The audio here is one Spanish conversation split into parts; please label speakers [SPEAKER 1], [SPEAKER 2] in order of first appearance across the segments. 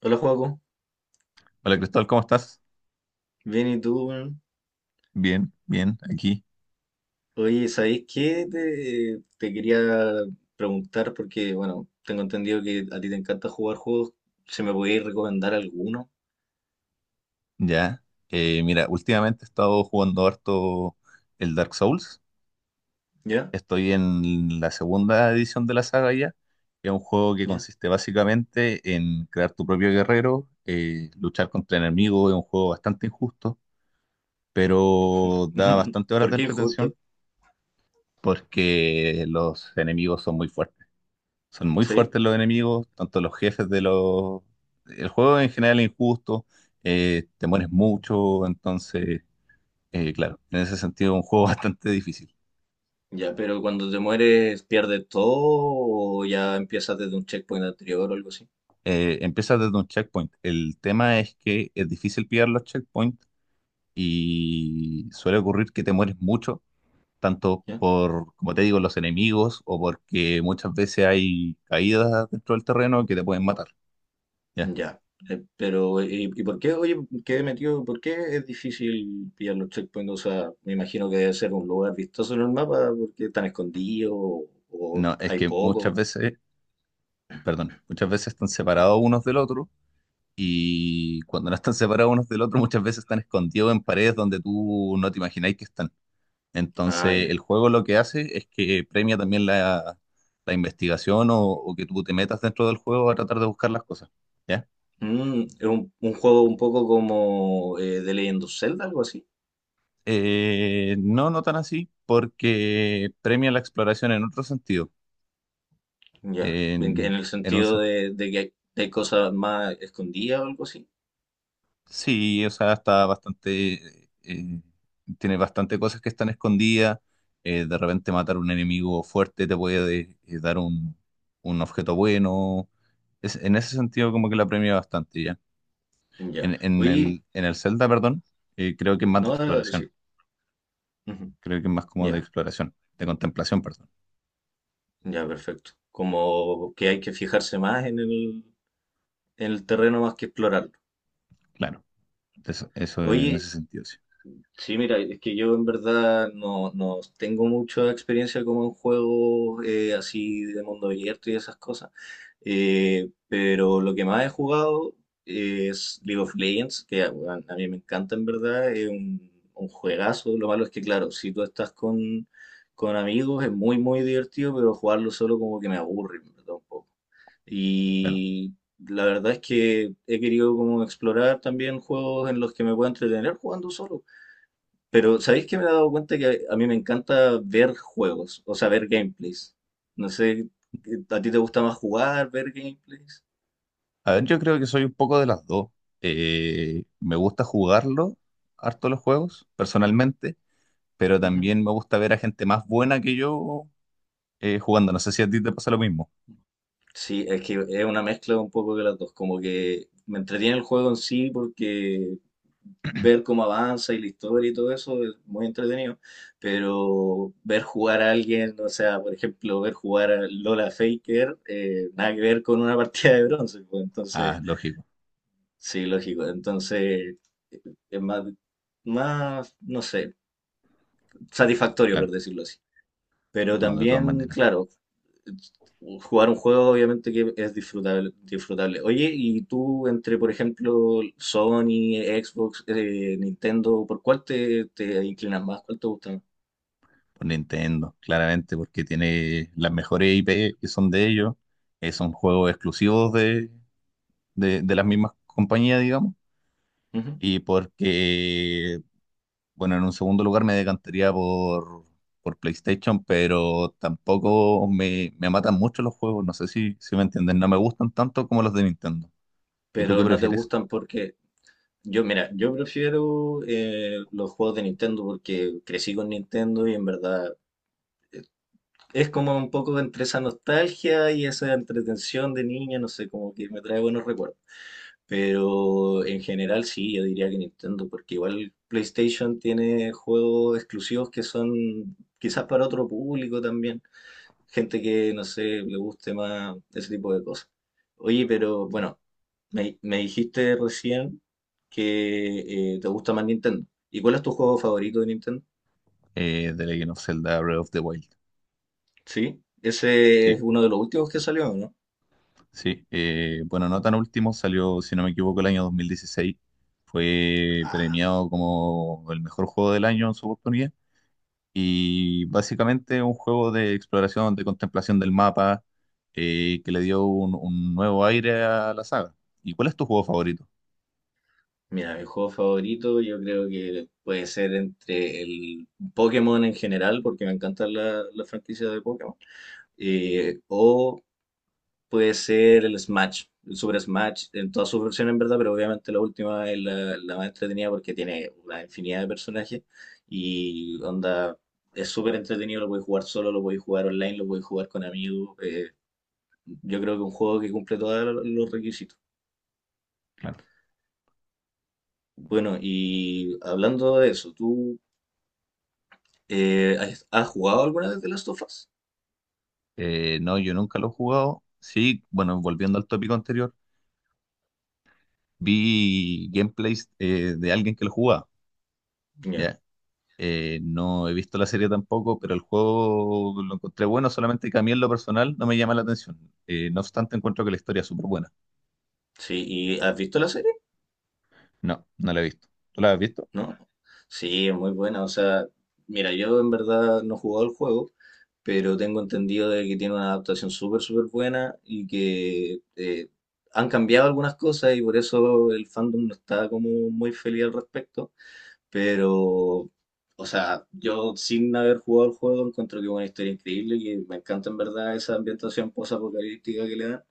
[SPEAKER 1] Hola, Joaco.
[SPEAKER 2] Hola Cristóbal, ¿cómo estás?
[SPEAKER 1] Bien, ¿y tú, weón?
[SPEAKER 2] Bien, bien, aquí,
[SPEAKER 1] Oye, ¿sabéis qué? Te quería preguntar porque, bueno, tengo entendido que a ti te encanta jugar juegos. ¿Se me podéis recomendar alguno?
[SPEAKER 2] ya. Mira, últimamente he estado jugando harto el Dark Souls.
[SPEAKER 1] ¿Ya?
[SPEAKER 2] Estoy en la segunda edición de la saga ya, que es un juego que
[SPEAKER 1] ¿Ya?
[SPEAKER 2] consiste básicamente en crear tu propio guerrero, luchar contra enemigos, es un juego bastante injusto, pero da bastante horas
[SPEAKER 1] ¿Por
[SPEAKER 2] de
[SPEAKER 1] qué injusto?
[SPEAKER 2] entretención porque los enemigos son muy fuertes. Son muy
[SPEAKER 1] ¿Sí?
[SPEAKER 2] fuertes los enemigos, tanto los jefes de los... El juego en general es injusto, te mueres mucho, entonces, claro, en ese sentido es un juego bastante difícil.
[SPEAKER 1] Ya, pero cuando te mueres, ¿pierdes todo o ya empiezas desde un checkpoint anterior o algo así?
[SPEAKER 2] Empiezas desde un checkpoint. El tema es que es difícil pillar los checkpoints y suele ocurrir que te mueres mucho, tanto
[SPEAKER 1] ¿Ya?
[SPEAKER 2] por, como te digo, los enemigos o porque muchas veces hay caídas dentro del terreno que te pueden matar. ¿Ya?
[SPEAKER 1] Ya, pero ¿y por qué, oye, quedé metido, ¿por qué es difícil pillar los checkpoints? O sea, me imagino que debe ser un lugar vistoso en el mapa porque están escondidos o
[SPEAKER 2] No, es
[SPEAKER 1] hay
[SPEAKER 2] que muchas
[SPEAKER 1] poco.
[SPEAKER 2] veces, perdón, muchas veces están separados unos del otro y cuando no están separados unos del otro, muchas veces están escondidos en paredes donde tú no te imagináis que están.
[SPEAKER 1] Ah,
[SPEAKER 2] Entonces,
[SPEAKER 1] ya.
[SPEAKER 2] el juego lo que hace es que premia también la investigación o que tú te metas dentro del juego a tratar de buscar las cosas. ¿Ya?
[SPEAKER 1] Mm, es un juego un poco como The Legend of Zelda, algo así.
[SPEAKER 2] No, no tan así, porque premia la exploración en otro sentido.
[SPEAKER 1] Ya,
[SPEAKER 2] En,
[SPEAKER 1] en el
[SPEAKER 2] en un
[SPEAKER 1] sentido
[SPEAKER 2] sen-
[SPEAKER 1] de que hay, de hay cosas más escondidas o algo así.
[SPEAKER 2] Sí, o sea, está bastante, eh, tiene bastante cosas que están escondidas. De repente matar un enemigo fuerte te puede dar un objeto bueno. En ese sentido, como que la premia bastante ya.
[SPEAKER 1] Ya,
[SPEAKER 2] En, en
[SPEAKER 1] oye,
[SPEAKER 2] el, en el Zelda, perdón, creo que es más de
[SPEAKER 1] no,
[SPEAKER 2] exploración.
[SPEAKER 1] sí. Ujú.
[SPEAKER 2] Creo que es más como de
[SPEAKER 1] Ya,
[SPEAKER 2] exploración, de contemplación, perdón.
[SPEAKER 1] ya, perfecto. Como que hay que fijarse más en el terreno más que explorarlo.
[SPEAKER 2] Claro, eso en
[SPEAKER 1] Oye,
[SPEAKER 2] ese sentido, sí.
[SPEAKER 1] sí, mira, es que yo en verdad no tengo mucha experiencia como en juegos así de mundo abierto y esas cosas. Pero lo que más he jugado es League of Legends, que ah, weón, a mí me encanta en verdad, es un juegazo. Lo malo es que, claro, si tú estás con amigos es muy, muy divertido, pero jugarlo solo como que me aburre, en verdad, un poco.
[SPEAKER 2] Claro.
[SPEAKER 1] Y la verdad es que he querido como explorar también juegos en los que me pueda entretener jugando solo. Pero ¿sabéis que me he dado cuenta que a mí me encanta ver juegos, o sea, ver gameplays? No sé, ¿a ti te gusta más jugar, ver gameplays?
[SPEAKER 2] A ver, yo creo que soy un poco de las dos. Me gusta jugarlo, harto los juegos, personalmente, pero también me gusta ver a gente más buena que yo jugando. No sé si a ti te pasa lo mismo.
[SPEAKER 1] Sí, es que es una mezcla un poco de las dos, como que me entretiene el juego en sí porque ver cómo avanza y la historia y todo eso es muy entretenido, pero ver jugar a alguien, o sea, por ejemplo, ver jugar a Lola Faker, nada que ver con una partida de bronce, pues, entonces,
[SPEAKER 2] Ah, lógico,
[SPEAKER 1] sí, lógico, entonces eh, es más, no sé, satisfactorio
[SPEAKER 2] claro,
[SPEAKER 1] por decirlo así. Pero
[SPEAKER 2] no, de todas
[SPEAKER 1] también,
[SPEAKER 2] maneras.
[SPEAKER 1] claro, jugar un juego obviamente que es disfrutable, disfrutable. Oye, y tú entre, por ejemplo, Sony, Xbox, Nintendo, ¿por cuál te inclinas más? ¿Cuál te gusta más?
[SPEAKER 2] Por Nintendo, claramente, porque tiene las mejores IP que son de ellos, son juegos exclusivos de las mismas compañías, digamos,
[SPEAKER 1] Ujú.
[SPEAKER 2] y porque, bueno, en un segundo lugar me decantaría por PlayStation, pero tampoco me, me matan mucho los juegos, no sé si, si me entienden, no me gustan tanto como los de Nintendo. ¿Y tú qué
[SPEAKER 1] Pero no te
[SPEAKER 2] prefieres?
[SPEAKER 1] gustan porque yo, mira, yo prefiero los juegos de Nintendo porque crecí con Nintendo y en verdad es como un poco entre esa nostalgia y esa entretención de niña, no sé, como que me trae buenos recuerdos. Pero en general sí, yo diría que Nintendo, porque igual PlayStation tiene juegos exclusivos que son quizás para otro público también, gente que no sé, le guste más ese tipo de cosas. Oye, pero bueno, me dijiste recién que te gusta más Nintendo. ¿Y cuál es tu juego favorito de Nintendo?
[SPEAKER 2] The Legend of Zelda Breath of the Wild.
[SPEAKER 1] Sí, ese
[SPEAKER 2] Sí,
[SPEAKER 1] es uno de los últimos que salió, ¿no?
[SPEAKER 2] sí. Bueno, no tan último, salió, si no me equivoco, el año 2016. Fue premiado como el mejor juego del año en su oportunidad. Y básicamente un juego de exploración, de contemplación del mapa, que le dio un nuevo aire a la saga. ¿Y cuál es tu juego favorito?
[SPEAKER 1] Mira, mi juego favorito yo creo que puede ser entre el Pokémon en general, porque me encantan las franquicias de Pokémon, o puede ser el Smash, el Super Smash, en todas sus versiones en verdad, pero obviamente la última es la más entretenida porque tiene una infinidad de personajes y onda, es súper entretenido, lo podéis jugar solo, lo podéis jugar online, lo podéis jugar con amigos, yo creo que es un juego que cumple todos los requisitos.
[SPEAKER 2] Claro.
[SPEAKER 1] Bueno, y hablando de eso, ¿tú has jugado alguna vez de las of Us?
[SPEAKER 2] No, yo nunca lo he jugado. Sí, bueno, volviendo al tópico anterior, vi gameplays de alguien que lo jugaba.
[SPEAKER 1] Ya.
[SPEAKER 2] ¿Ya? No he visto la serie tampoco, pero el juego lo encontré bueno, solamente que a mí en lo personal no me llama la atención. No obstante, encuentro que la historia es súper buena.
[SPEAKER 1] Sí, ¿y has visto la serie?
[SPEAKER 2] No, no la he visto. ¿Tú la has visto?
[SPEAKER 1] ¿No? Sí, es muy buena. O sea, mira, yo en verdad no he jugado el juego, pero tengo entendido de que tiene una adaptación súper, súper buena y que han cambiado algunas cosas y por eso el fandom no está como muy feliz al respecto. Pero, o sea, yo sin haber jugado el juego encuentro que es una historia increíble y me encanta en verdad esa ambientación post-apocalíptica que le dan.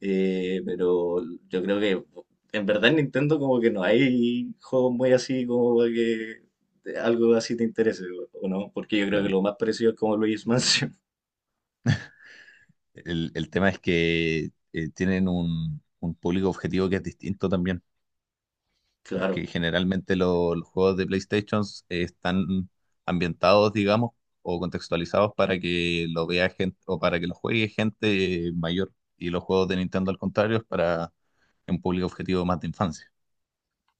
[SPEAKER 1] Pero yo creo que en verdad en Nintendo como que no hay juegos muy así como para que algo así te interese, o no? Porque yo creo que
[SPEAKER 2] Claro.
[SPEAKER 1] lo más parecido es como Luigi's Mansion.
[SPEAKER 2] El tema es que tienen un público objetivo que es distinto también,
[SPEAKER 1] Claro.
[SPEAKER 2] porque generalmente los juegos de PlayStation están ambientados, digamos, o contextualizados para que lo vea gente o para que lo juegue gente mayor. Y los juegos de Nintendo, al contrario, es para un público objetivo más de infancia.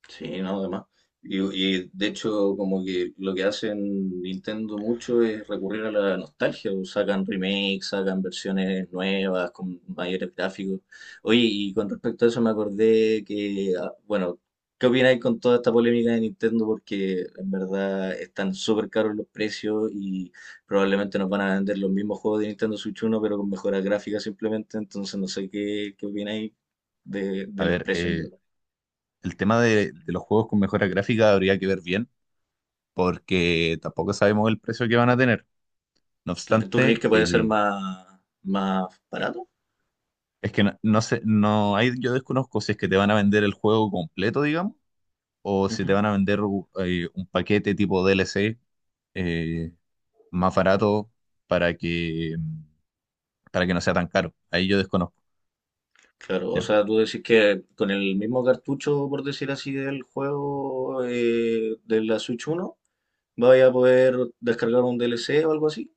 [SPEAKER 1] Sí, no, además. De hecho, como que lo que hacen Nintendo mucho es recurrir a la nostalgia, o sacan remakes, sacan versiones nuevas con mayores gráficos. Oye, y con respecto a eso me acordé que, ah, bueno, ¿qué opináis con toda esta polémica de Nintendo? Porque en verdad están súper caros los precios y probablemente nos van a vender los mismos juegos de Nintendo Switch uno pero con mejoras gráficas simplemente. Entonces, no sé qué opináis
[SPEAKER 2] A
[SPEAKER 1] de los
[SPEAKER 2] ver,
[SPEAKER 1] precios, en verdad.
[SPEAKER 2] el tema de los juegos con mejora gráfica habría que ver bien, porque tampoco sabemos el precio que van a tener. No
[SPEAKER 1] ¿Tú crees
[SPEAKER 2] obstante,
[SPEAKER 1] que puede ser más barato?
[SPEAKER 2] es que no, no sé, no hay, yo desconozco si es que te van a vender el juego completo, digamos, o si te
[SPEAKER 1] Ujú.
[SPEAKER 2] van a vender un paquete tipo DLC, eh, más barato para que, para que no sea tan caro. Ahí yo desconozco,
[SPEAKER 1] Claro, o
[SPEAKER 2] ¿ya?
[SPEAKER 1] sea, tú decís que con el mismo cartucho, por decir así, del juego de la Switch uno, vaya a poder descargar un DLC o algo así.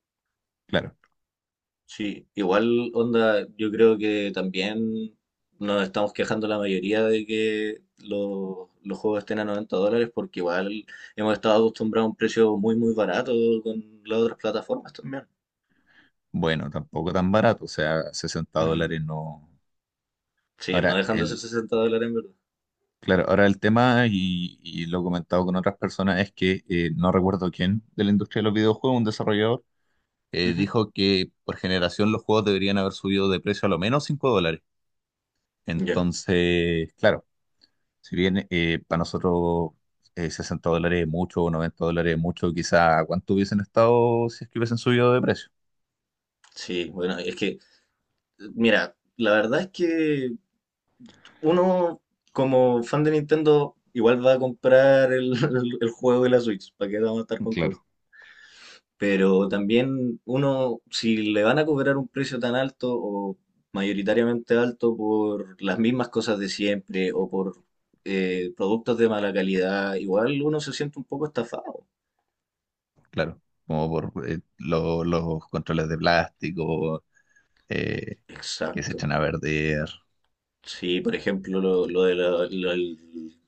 [SPEAKER 2] Claro.
[SPEAKER 1] Sí, igual onda, yo creo que también nos estamos quejando la mayoría de que los juegos estén a 90 dólares porque igual hemos estado acostumbrados a un precio muy muy barato con las otras plataformas también.
[SPEAKER 2] Bueno, tampoco tan barato, o sea, sesenta
[SPEAKER 1] Ujú.
[SPEAKER 2] dólares no.
[SPEAKER 1] Sí, no
[SPEAKER 2] Ahora,
[SPEAKER 1] dejan de ser 60 dólares en verdad.
[SPEAKER 2] claro, ahora el tema, y lo he comentado con otras personas, es que no recuerdo quién de la industria de los videojuegos, un desarrollador,
[SPEAKER 1] Ujú.
[SPEAKER 2] dijo que por generación los juegos deberían haber subido de precio a lo menos 5 dólares.
[SPEAKER 1] Ya,
[SPEAKER 2] Entonces, claro, si bien para nosotros $60 es mucho o $90 es mucho, quizá cuánto hubiesen estado si es que hubiesen subido de precio.
[SPEAKER 1] sí, bueno, es que, mira, la verdad es que uno como fan de Nintendo igual va a comprar juego de la Switch, ¿para qué vamos a estar con cosas?
[SPEAKER 2] Claro.
[SPEAKER 1] Pero también uno, si le van a cobrar un precio tan alto o mayoritariamente alto por las mismas cosas de siempre o por productos de mala calidad, igual uno se siente un poco estafado.
[SPEAKER 2] Claro, como por los controles de plástico eh, que se
[SPEAKER 1] Exacto.
[SPEAKER 2] echan a perder.
[SPEAKER 1] Sí, por ejemplo, lo lo del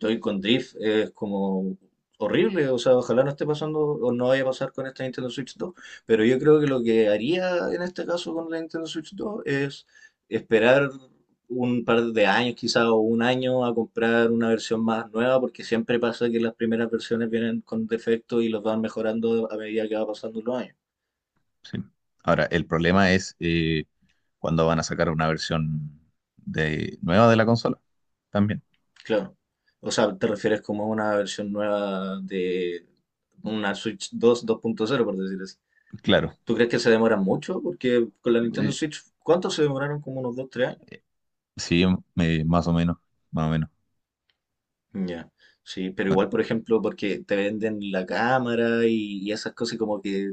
[SPEAKER 1] Joy con Drift es como horrible, o sea, ojalá no esté pasando o no vaya a pasar con esta Nintendo Switch 2, pero yo creo que lo que haría en este caso con la Nintendo Switch 2 es esperar un par de años, quizá o un año, a comprar una versión más nueva, porque siempre pasa que las primeras versiones vienen con defectos y los van mejorando a medida que va pasando los años.
[SPEAKER 2] Sí. Ahora, el problema es cuando van a sacar una versión de, nueva de la consola. También,
[SPEAKER 1] Claro. O sea, te refieres como a una versión nueva de una Switch 2, 2.0, por decir así.
[SPEAKER 2] claro.
[SPEAKER 1] ¿Tú crees que se demoran mucho? Porque con la Nintendo
[SPEAKER 2] Eh,
[SPEAKER 1] Switch, ¿cuánto se demoraron? Como unos 2 3 años.
[SPEAKER 2] sí, más o menos, más o menos.
[SPEAKER 1] Ya. Sí, pero igual,
[SPEAKER 2] Bueno,
[SPEAKER 1] por ejemplo, porque te venden la cámara y esas cosas y como que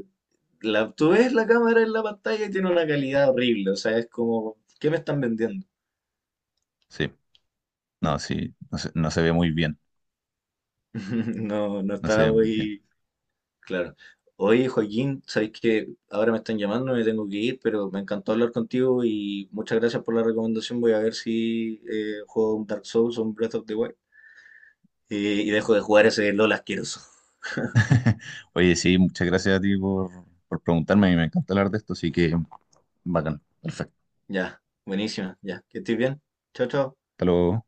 [SPEAKER 1] la, tú ves la cámara en la pantalla y tiene una calidad horrible. O sea, es como, ¿qué me están vendiendo?
[SPEAKER 2] sí. No, sí, no se, no se ve muy bien.
[SPEAKER 1] No, no
[SPEAKER 2] No se
[SPEAKER 1] está
[SPEAKER 2] ve muy bien.
[SPEAKER 1] muy, Claro. Oye, Joaquín, sabes que ahora me están llamando, me tengo que ir, pero me encantó hablar contigo y muchas gracias por la recomendación. Voy a ver si juego un Dark Souls o un Breath of the Wild y dejo de jugar ese LOL asqueroso.
[SPEAKER 2] Oye, sí, muchas gracias a ti por preguntarme. A mí me encanta hablar de esto, así que bacán. Perfecto.
[SPEAKER 1] Ya, buenísima, ya, que estés bien. Chao, chao.
[SPEAKER 2] Hasta luego.